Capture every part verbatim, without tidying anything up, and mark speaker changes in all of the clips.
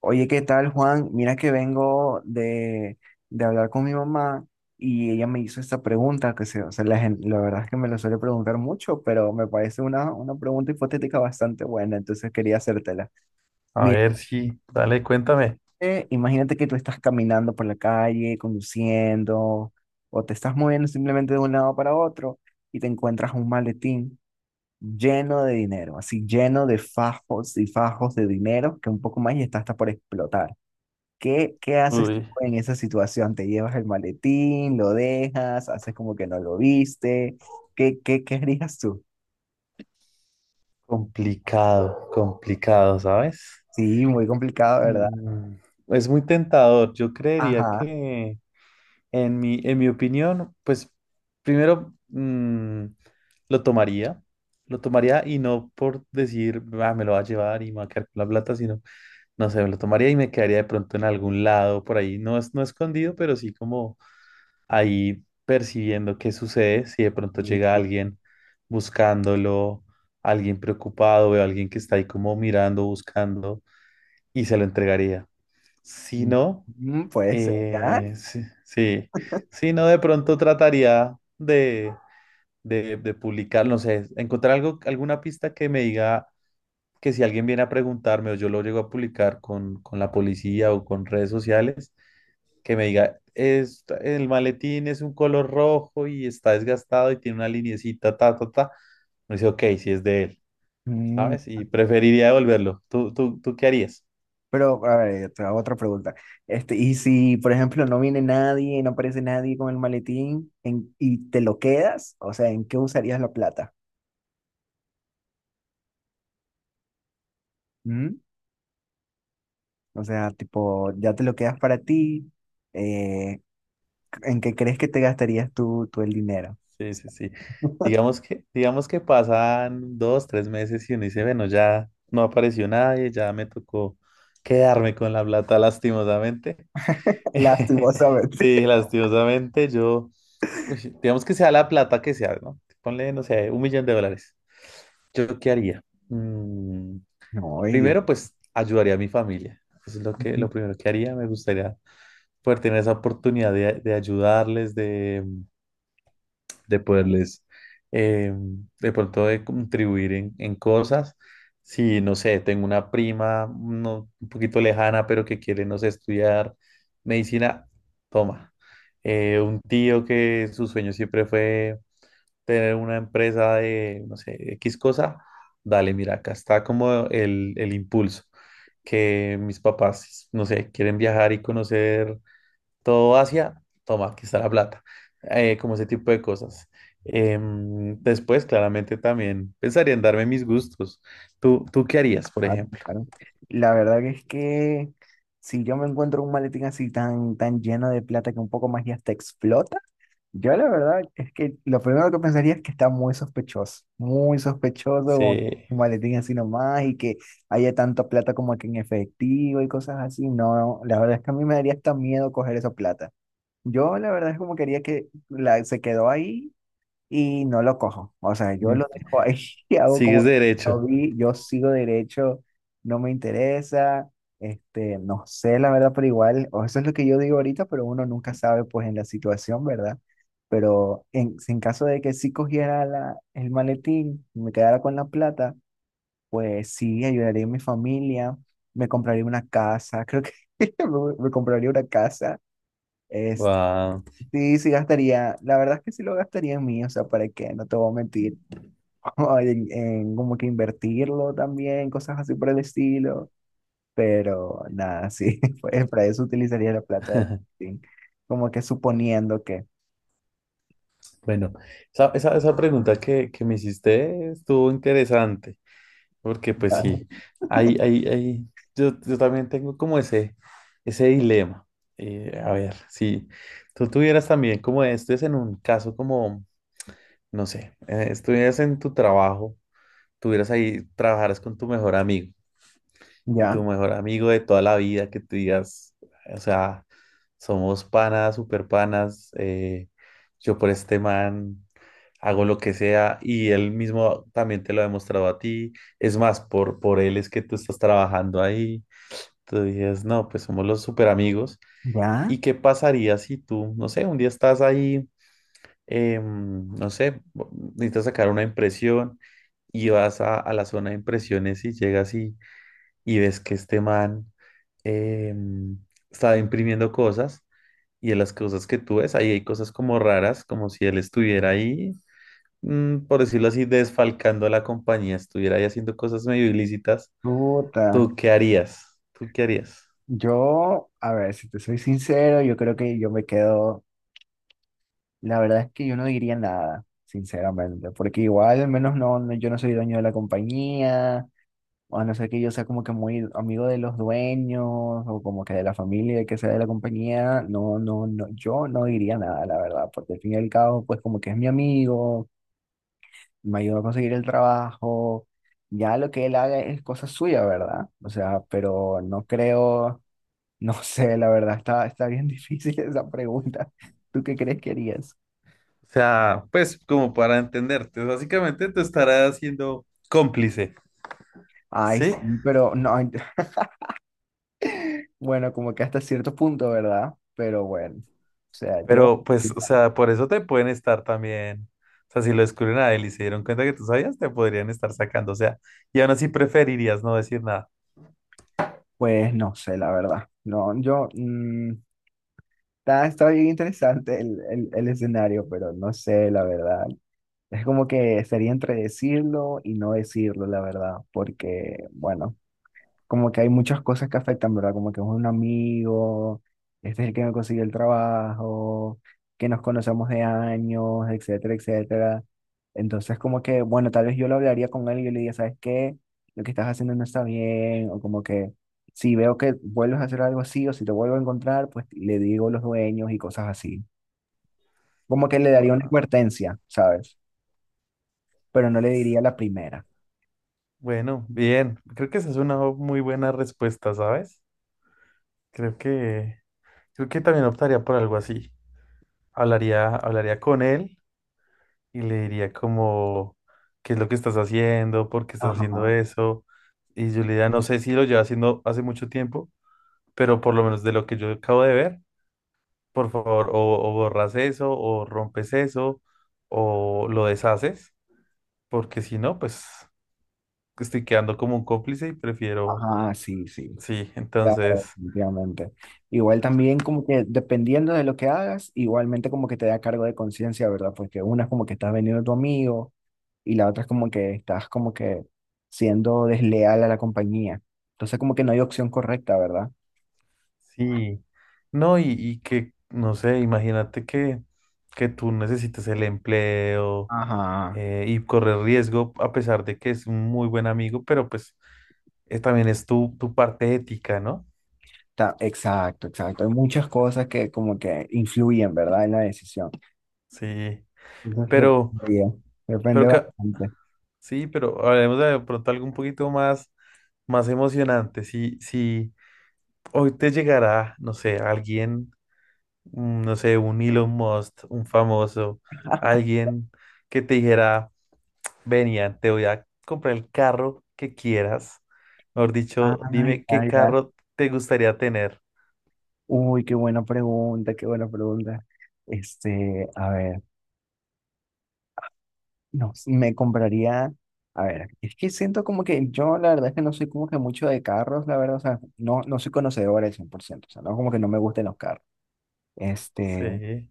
Speaker 1: Oye, ¿qué tal, Juan? Mira que vengo de, de hablar con mi mamá y ella me hizo esta pregunta, que se, o sea, la, gen- la verdad es que me lo suele preguntar mucho, pero me parece una, una pregunta hipotética bastante buena, entonces quería hacértela.
Speaker 2: A
Speaker 1: Mira,
Speaker 2: ver si, dale, cuéntame.
Speaker 1: eh, imagínate que tú estás caminando por la calle, conduciendo, o te estás moviendo simplemente de un lado para otro y te encuentras un maletín lleno de dinero, así lleno de fajos y fajos de dinero, que un poco más y está hasta por explotar. ¿Qué, qué haces tú
Speaker 2: Uy,
Speaker 1: en esa situación? ¿Te llevas el maletín? ¿Lo dejas? ¿Haces como que no lo viste? ¿Qué, qué, qué harías tú?
Speaker 2: complicado, complicado, ¿sabes?
Speaker 1: Sí, muy complicado, ¿verdad?
Speaker 2: Mm, es muy tentador. Yo creería
Speaker 1: Ajá.
Speaker 2: que, en mi, en mi opinión, pues primero mm, lo tomaría, lo tomaría y no por decir, "Ah, me lo va a llevar y me va a quedar con la plata, sino, no sé, me lo tomaría y me quedaría de pronto en algún lado por ahí, no es no escondido, pero sí como ahí percibiendo qué sucede, si de pronto llega
Speaker 1: Sí,
Speaker 2: alguien buscándolo, alguien preocupado, veo a alguien que está ahí como mirando, buscando, y se lo entregaría. Si no,
Speaker 1: mm, puede ser, ¿ya?
Speaker 2: eh, sí, sí. Si no, de pronto trataría de, de, de publicar, no sé, encontrar algo, alguna pista que me diga que si alguien viene a preguntarme o yo lo llego a publicar con, con la policía o con redes sociales, que me diga, es, el maletín es un color rojo y está desgastado y tiene una liniecita, ta, ta, ta. Me dice, ok, si es de él,
Speaker 1: Mm,
Speaker 2: ¿sabes? Y preferiría devolverlo. ¿Tú, tú, tú qué harías?
Speaker 1: pero, a ver, te hago otra pregunta. Este, y si, por ejemplo, no viene nadie, no aparece nadie con el maletín en- y te lo quedas, o sea, ¿en qué usarías la plata? ¿Mm? O sea, tipo, ya te lo quedas para ti. eh, ¿En qué crees que te gastarías tú, tú el dinero?
Speaker 2: Sí, sí, sí. Digamos que, digamos que pasan dos, tres meses y uno dice, bueno, ya no apareció nadie, ya me tocó quedarme con la plata, lastimosamente.
Speaker 1: Lastimosamente.
Speaker 2: Sí, lastimosamente, yo, uy, digamos que sea la plata que sea, ¿no? Ponle, no sé, un millón de dólares. ¿Yo qué haría? Mm,
Speaker 1: No, ay, Dios.
Speaker 2: primero, pues ayudaría a mi familia. Eso es lo que, lo
Speaker 1: Ujú.
Speaker 2: primero que haría. Me gustaría poder tener esa oportunidad de, de ayudarles, de, de poderles, eh, de pronto, de contribuir en, en cosas. Si, no sé, tengo una prima no, un poquito lejana, pero que quiere, no sé, estudiar medicina, toma. Eh, un tío que su sueño siempre fue tener una empresa de, no sé, X cosa, dale, mira, acá está como el, el impulso que mis papás, no sé, quieren viajar y conocer todo Asia, toma, aquí está la plata. Eh, como ese tipo de cosas. Em, después, claramente, también pensaría en darme mis gustos. ¿Tú, tú qué harías, por
Speaker 1: Claro,
Speaker 2: ejemplo?
Speaker 1: claro. La verdad que es que si yo me encuentro un maletín así tan, tan lleno de plata que un poco más ya hasta explota, yo la verdad es que lo primero que pensaría es que está muy sospechoso, muy sospechoso, como que
Speaker 2: Sí.
Speaker 1: un maletín así nomás y que haya tanta plata como que en efectivo y cosas así. No, la verdad es que a mí me daría hasta miedo coger esa plata. Yo la verdad es como quería que la, se quedó ahí y no lo cojo. O sea, yo lo
Speaker 2: mm,
Speaker 1: dejo ahí y hago como
Speaker 2: Sigues
Speaker 1: no
Speaker 2: derecho.
Speaker 1: vi, yo sigo derecho, no me interesa, este, no sé la verdad, pero igual, o eso es lo que yo digo ahorita, pero uno nunca sabe pues en la situación, ¿verdad? Pero en, en caso de que sí cogiera la, el maletín y me quedara con la plata, pues sí, ayudaría a mi familia, me compraría una casa, creo que me, me compraría una casa. Este,
Speaker 2: Wow.
Speaker 1: sí, sí gastaría, la verdad es que sí lo gastaría en mí, o sea, ¿para qué? No te voy a mentir o en, en como que invertirlo también, cosas así por el estilo. Pero nada, sí, pues para eso utilizaría la plata de sí, como que suponiendo que.
Speaker 2: Bueno, esa, esa, esa pregunta que, que me hiciste estuvo interesante. Porque pues sí,
Speaker 1: Ujú.
Speaker 2: hay, hay, hay, yo, yo también tengo como ese, ese dilema. Eh, a ver, si tú tuvieras también como esto es en un caso como, no sé, eh, estuvieras en tu trabajo, tuvieras ahí, trabajaras con tu mejor amigo y
Speaker 1: Ya,
Speaker 2: tu mejor amigo de toda la vida que te digas, o sea, somos panas, super panas, eh, yo por este man hago lo que sea y él mismo también te lo ha demostrado a ti. Es más, por, por él es que tú estás trabajando ahí. Tú dices, no, pues somos los super amigos.
Speaker 1: ya.
Speaker 2: ¿Y qué pasaría si tú, no sé, un día estás ahí, em, no sé, necesitas sacar una impresión y vas a, a la zona de impresiones y llegas y, y ves que este man em, está imprimiendo cosas? Y de las cosas que tú ves, ahí hay cosas como raras, como si él estuviera ahí mm, por decirlo así, desfalcando a la compañía, estuviera ahí haciendo cosas medio ilícitas,
Speaker 1: Puta.
Speaker 2: ¿tú qué harías? ¿Tú qué harías?
Speaker 1: Yo, a ver, si te soy sincero, yo creo que yo me quedo. La verdad es que yo no diría nada, sinceramente, porque igual, al menos no, no- yo no soy dueño de la compañía. A no ser que yo sea como que muy amigo de los dueños o como que de la familia, que sea de la compañía, no, no, no, yo no diría nada, la verdad, porque al fin y al cabo, pues como que es mi amigo, me ayudó a conseguir el trabajo, ya lo que él haga es cosa suya, ¿verdad? O sea, pero no creo, no sé, la verdad, está, está bien difícil esa pregunta. ¿Tú qué crees que harías?
Speaker 2: O sea, pues como para entenderte, básicamente te estarás siendo cómplice,
Speaker 1: Ay,
Speaker 2: ¿sí?
Speaker 1: sí, pero no, ay, bueno, como que hasta cierto punto, ¿verdad? Pero bueno, o sea, yo...
Speaker 2: Pero pues, o sea, por eso te pueden estar también, o sea, si lo descubren a él y se dieron cuenta que tú sabías, te podrían estar sacando, o sea, y aún así preferirías no decir nada.
Speaker 1: Pues no sé, la verdad. No, yo mm, está, está bien interesante el, el, el escenario, pero no sé, la verdad. Es como que sería entre decirlo y no decirlo, la verdad, porque, bueno, como que hay muchas cosas que afectan, ¿verdad? Como que es un amigo, este es el que me consiguió el trabajo, que nos conocemos de años, etcétera, etcétera. Entonces, como que, bueno, tal vez yo lo hablaría con él y yo le diría, ¿sabes qué? Lo que estás haciendo no está bien, o como que si veo que vuelves a hacer algo así o si te vuelvo a encontrar, pues le digo a los dueños y cosas así. Como que le daría una
Speaker 2: Guau.
Speaker 1: advertencia, ¿sabes? Pero no le diría la primera.
Speaker 2: Bueno, bien. Creo que esa es una muy buena respuesta, ¿sabes? Creo que, creo que también optaría por algo así. Hablaría, hablaría con él y le diría como, ¿qué es lo que estás haciendo? ¿Por qué estás haciendo
Speaker 1: Ajá,
Speaker 2: eso? Y yo le diría, no sé si lo lleva haciendo hace mucho tiempo, pero por lo menos de lo que yo acabo de ver, por favor, o, o borras eso, o rompes eso, o lo deshaces, porque si no, pues estoy quedando como un cómplice y prefiero,
Speaker 1: ajá, sí, sí.
Speaker 2: sí,
Speaker 1: Claro,
Speaker 2: entonces,
Speaker 1: definitivamente. Igual también como que dependiendo de lo que hagas, igualmente como que te da cargo de conciencia, ¿verdad? Porque una es como que estás vendiendo a tu amigo y la otra es como que estás como que siendo desleal a la compañía. Entonces como que no hay opción correcta, ¿verdad?
Speaker 2: sí, no, y, y que, no sé, imagínate que, que tú necesitas el empleo
Speaker 1: Ajá.
Speaker 2: eh, y correr riesgo, a pesar de que es un muy buen amigo, pero pues eh, también es tu, tu parte ética, ¿no?
Speaker 1: Ta- exacto, exacto. Hay muchas cosas que como que influyen, ¿verdad? En la decisión.
Speaker 2: Sí,
Speaker 1: Entonces
Speaker 2: pero,
Speaker 1: depende, depende
Speaker 2: pero ca-
Speaker 1: bastante.
Speaker 2: sí, pero hablemos de pronto algo un poquito más, más emocionante. Si, si hoy te llegará, no sé, alguien, mm, no sé, un Elon Musk, un famoso, alguien que te dijera, venía, te voy a comprar el carro que quieras. Mejor dicho,
Speaker 1: Ay,
Speaker 2: dime qué
Speaker 1: ay, ay.
Speaker 2: carro te gustaría tener.
Speaker 1: Uy, qué buena pregunta, qué buena pregunta. Este, a ver. No, me compraría, a ver, es que siento como que yo la verdad es que no soy como que mucho de carros, la verdad, o sea, no, no soy conocedor al cien por ciento, o sea, no como que no me gusten los carros. Este,
Speaker 2: Sí,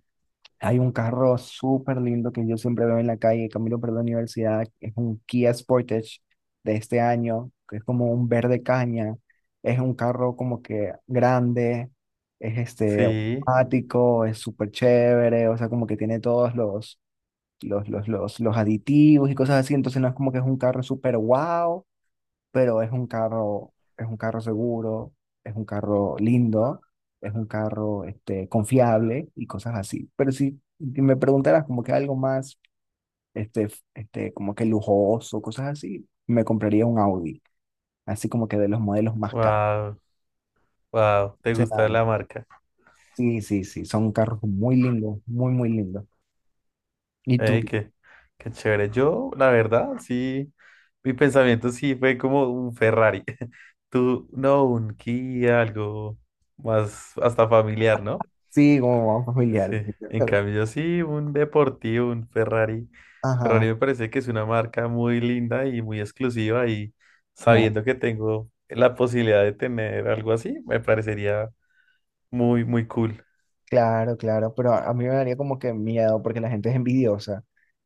Speaker 1: hay un carro súper lindo que yo siempre veo en la calle, camino por la universidad, es un Kia Sportage de este año, que es como un verde caña, es un carro como que grande, es este
Speaker 2: sí,
Speaker 1: automático, es súper chévere, o sea, como que tiene todos los los, los, los, los aditivos y cosas así, entonces no es como que es un carro súper wow, pero es un carro, es un carro seguro, es un carro lindo, es un carro este, confiable y cosas así. Pero si si me preguntaras como que algo más, este, este, como que lujoso, cosas así, me compraría un Audi, así como que de los modelos más caros.
Speaker 2: wow, wow, te gusta
Speaker 1: O
Speaker 2: la marca.
Speaker 1: sí, sí, sí, son carros muy lindos, muy, muy lindos. Y tú,
Speaker 2: Ey, qué, qué chévere. Yo, la verdad, sí, mi pensamiento sí fue como un Ferrari. Tú, no, un Kia, algo más hasta familiar, ¿no?
Speaker 1: sí, como vamos familiar.
Speaker 2: Sí, en
Speaker 1: Pero,
Speaker 2: cambio yo sí, un deportivo, un Ferrari.
Speaker 1: ajá,
Speaker 2: Ferrari me parece que es una marca muy linda y muy exclusiva y
Speaker 1: no.
Speaker 2: sabiendo que tengo la posibilidad de tener algo así, me parecería muy, muy cool.
Speaker 1: Claro, claro, pero a a mí me daría como que miedo porque la gente es envidiosa.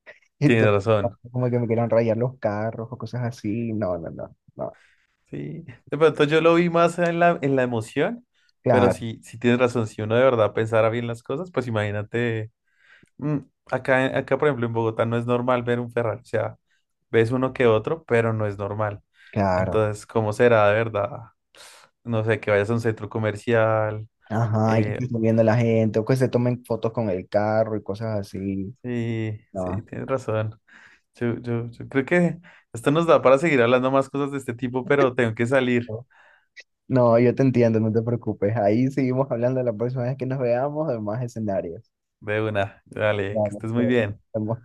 Speaker 2: Tienes
Speaker 1: Entonces,
Speaker 2: razón.
Speaker 1: como que me quieran rayar los carros o cosas así. No, no, no, no.
Speaker 2: Sí, de pronto yo lo vi más en la, en la emoción, pero
Speaker 1: Claro,
Speaker 2: sí, sí tienes razón, si uno de verdad pensara bien las cosas, pues imagínate, mm, acá, en- acá por ejemplo en Bogotá no es normal ver un Ferrari, o sea, ves uno que otro, pero no es normal.
Speaker 1: claro.
Speaker 2: Entonces, ¿cómo será de verdad? No sé, que vayas a un centro comercial.
Speaker 1: Ajá, y que
Speaker 2: eh,
Speaker 1: estén viendo la gente o que se tomen fotos con el carro y cosas así.
Speaker 2: sí, sí,
Speaker 1: No,
Speaker 2: tienes razón. Yo, yo, yo creo que esto nos da para seguir hablando más cosas de este tipo, pero tengo que salir
Speaker 1: no, no, yo te entiendo, no te preocupes. Ahí seguimos hablando la próxima vez que nos veamos de más escenarios.
Speaker 2: de una. Dale, que
Speaker 1: Vale,
Speaker 2: estés muy
Speaker 1: pues,
Speaker 2: bien.
Speaker 1: estamos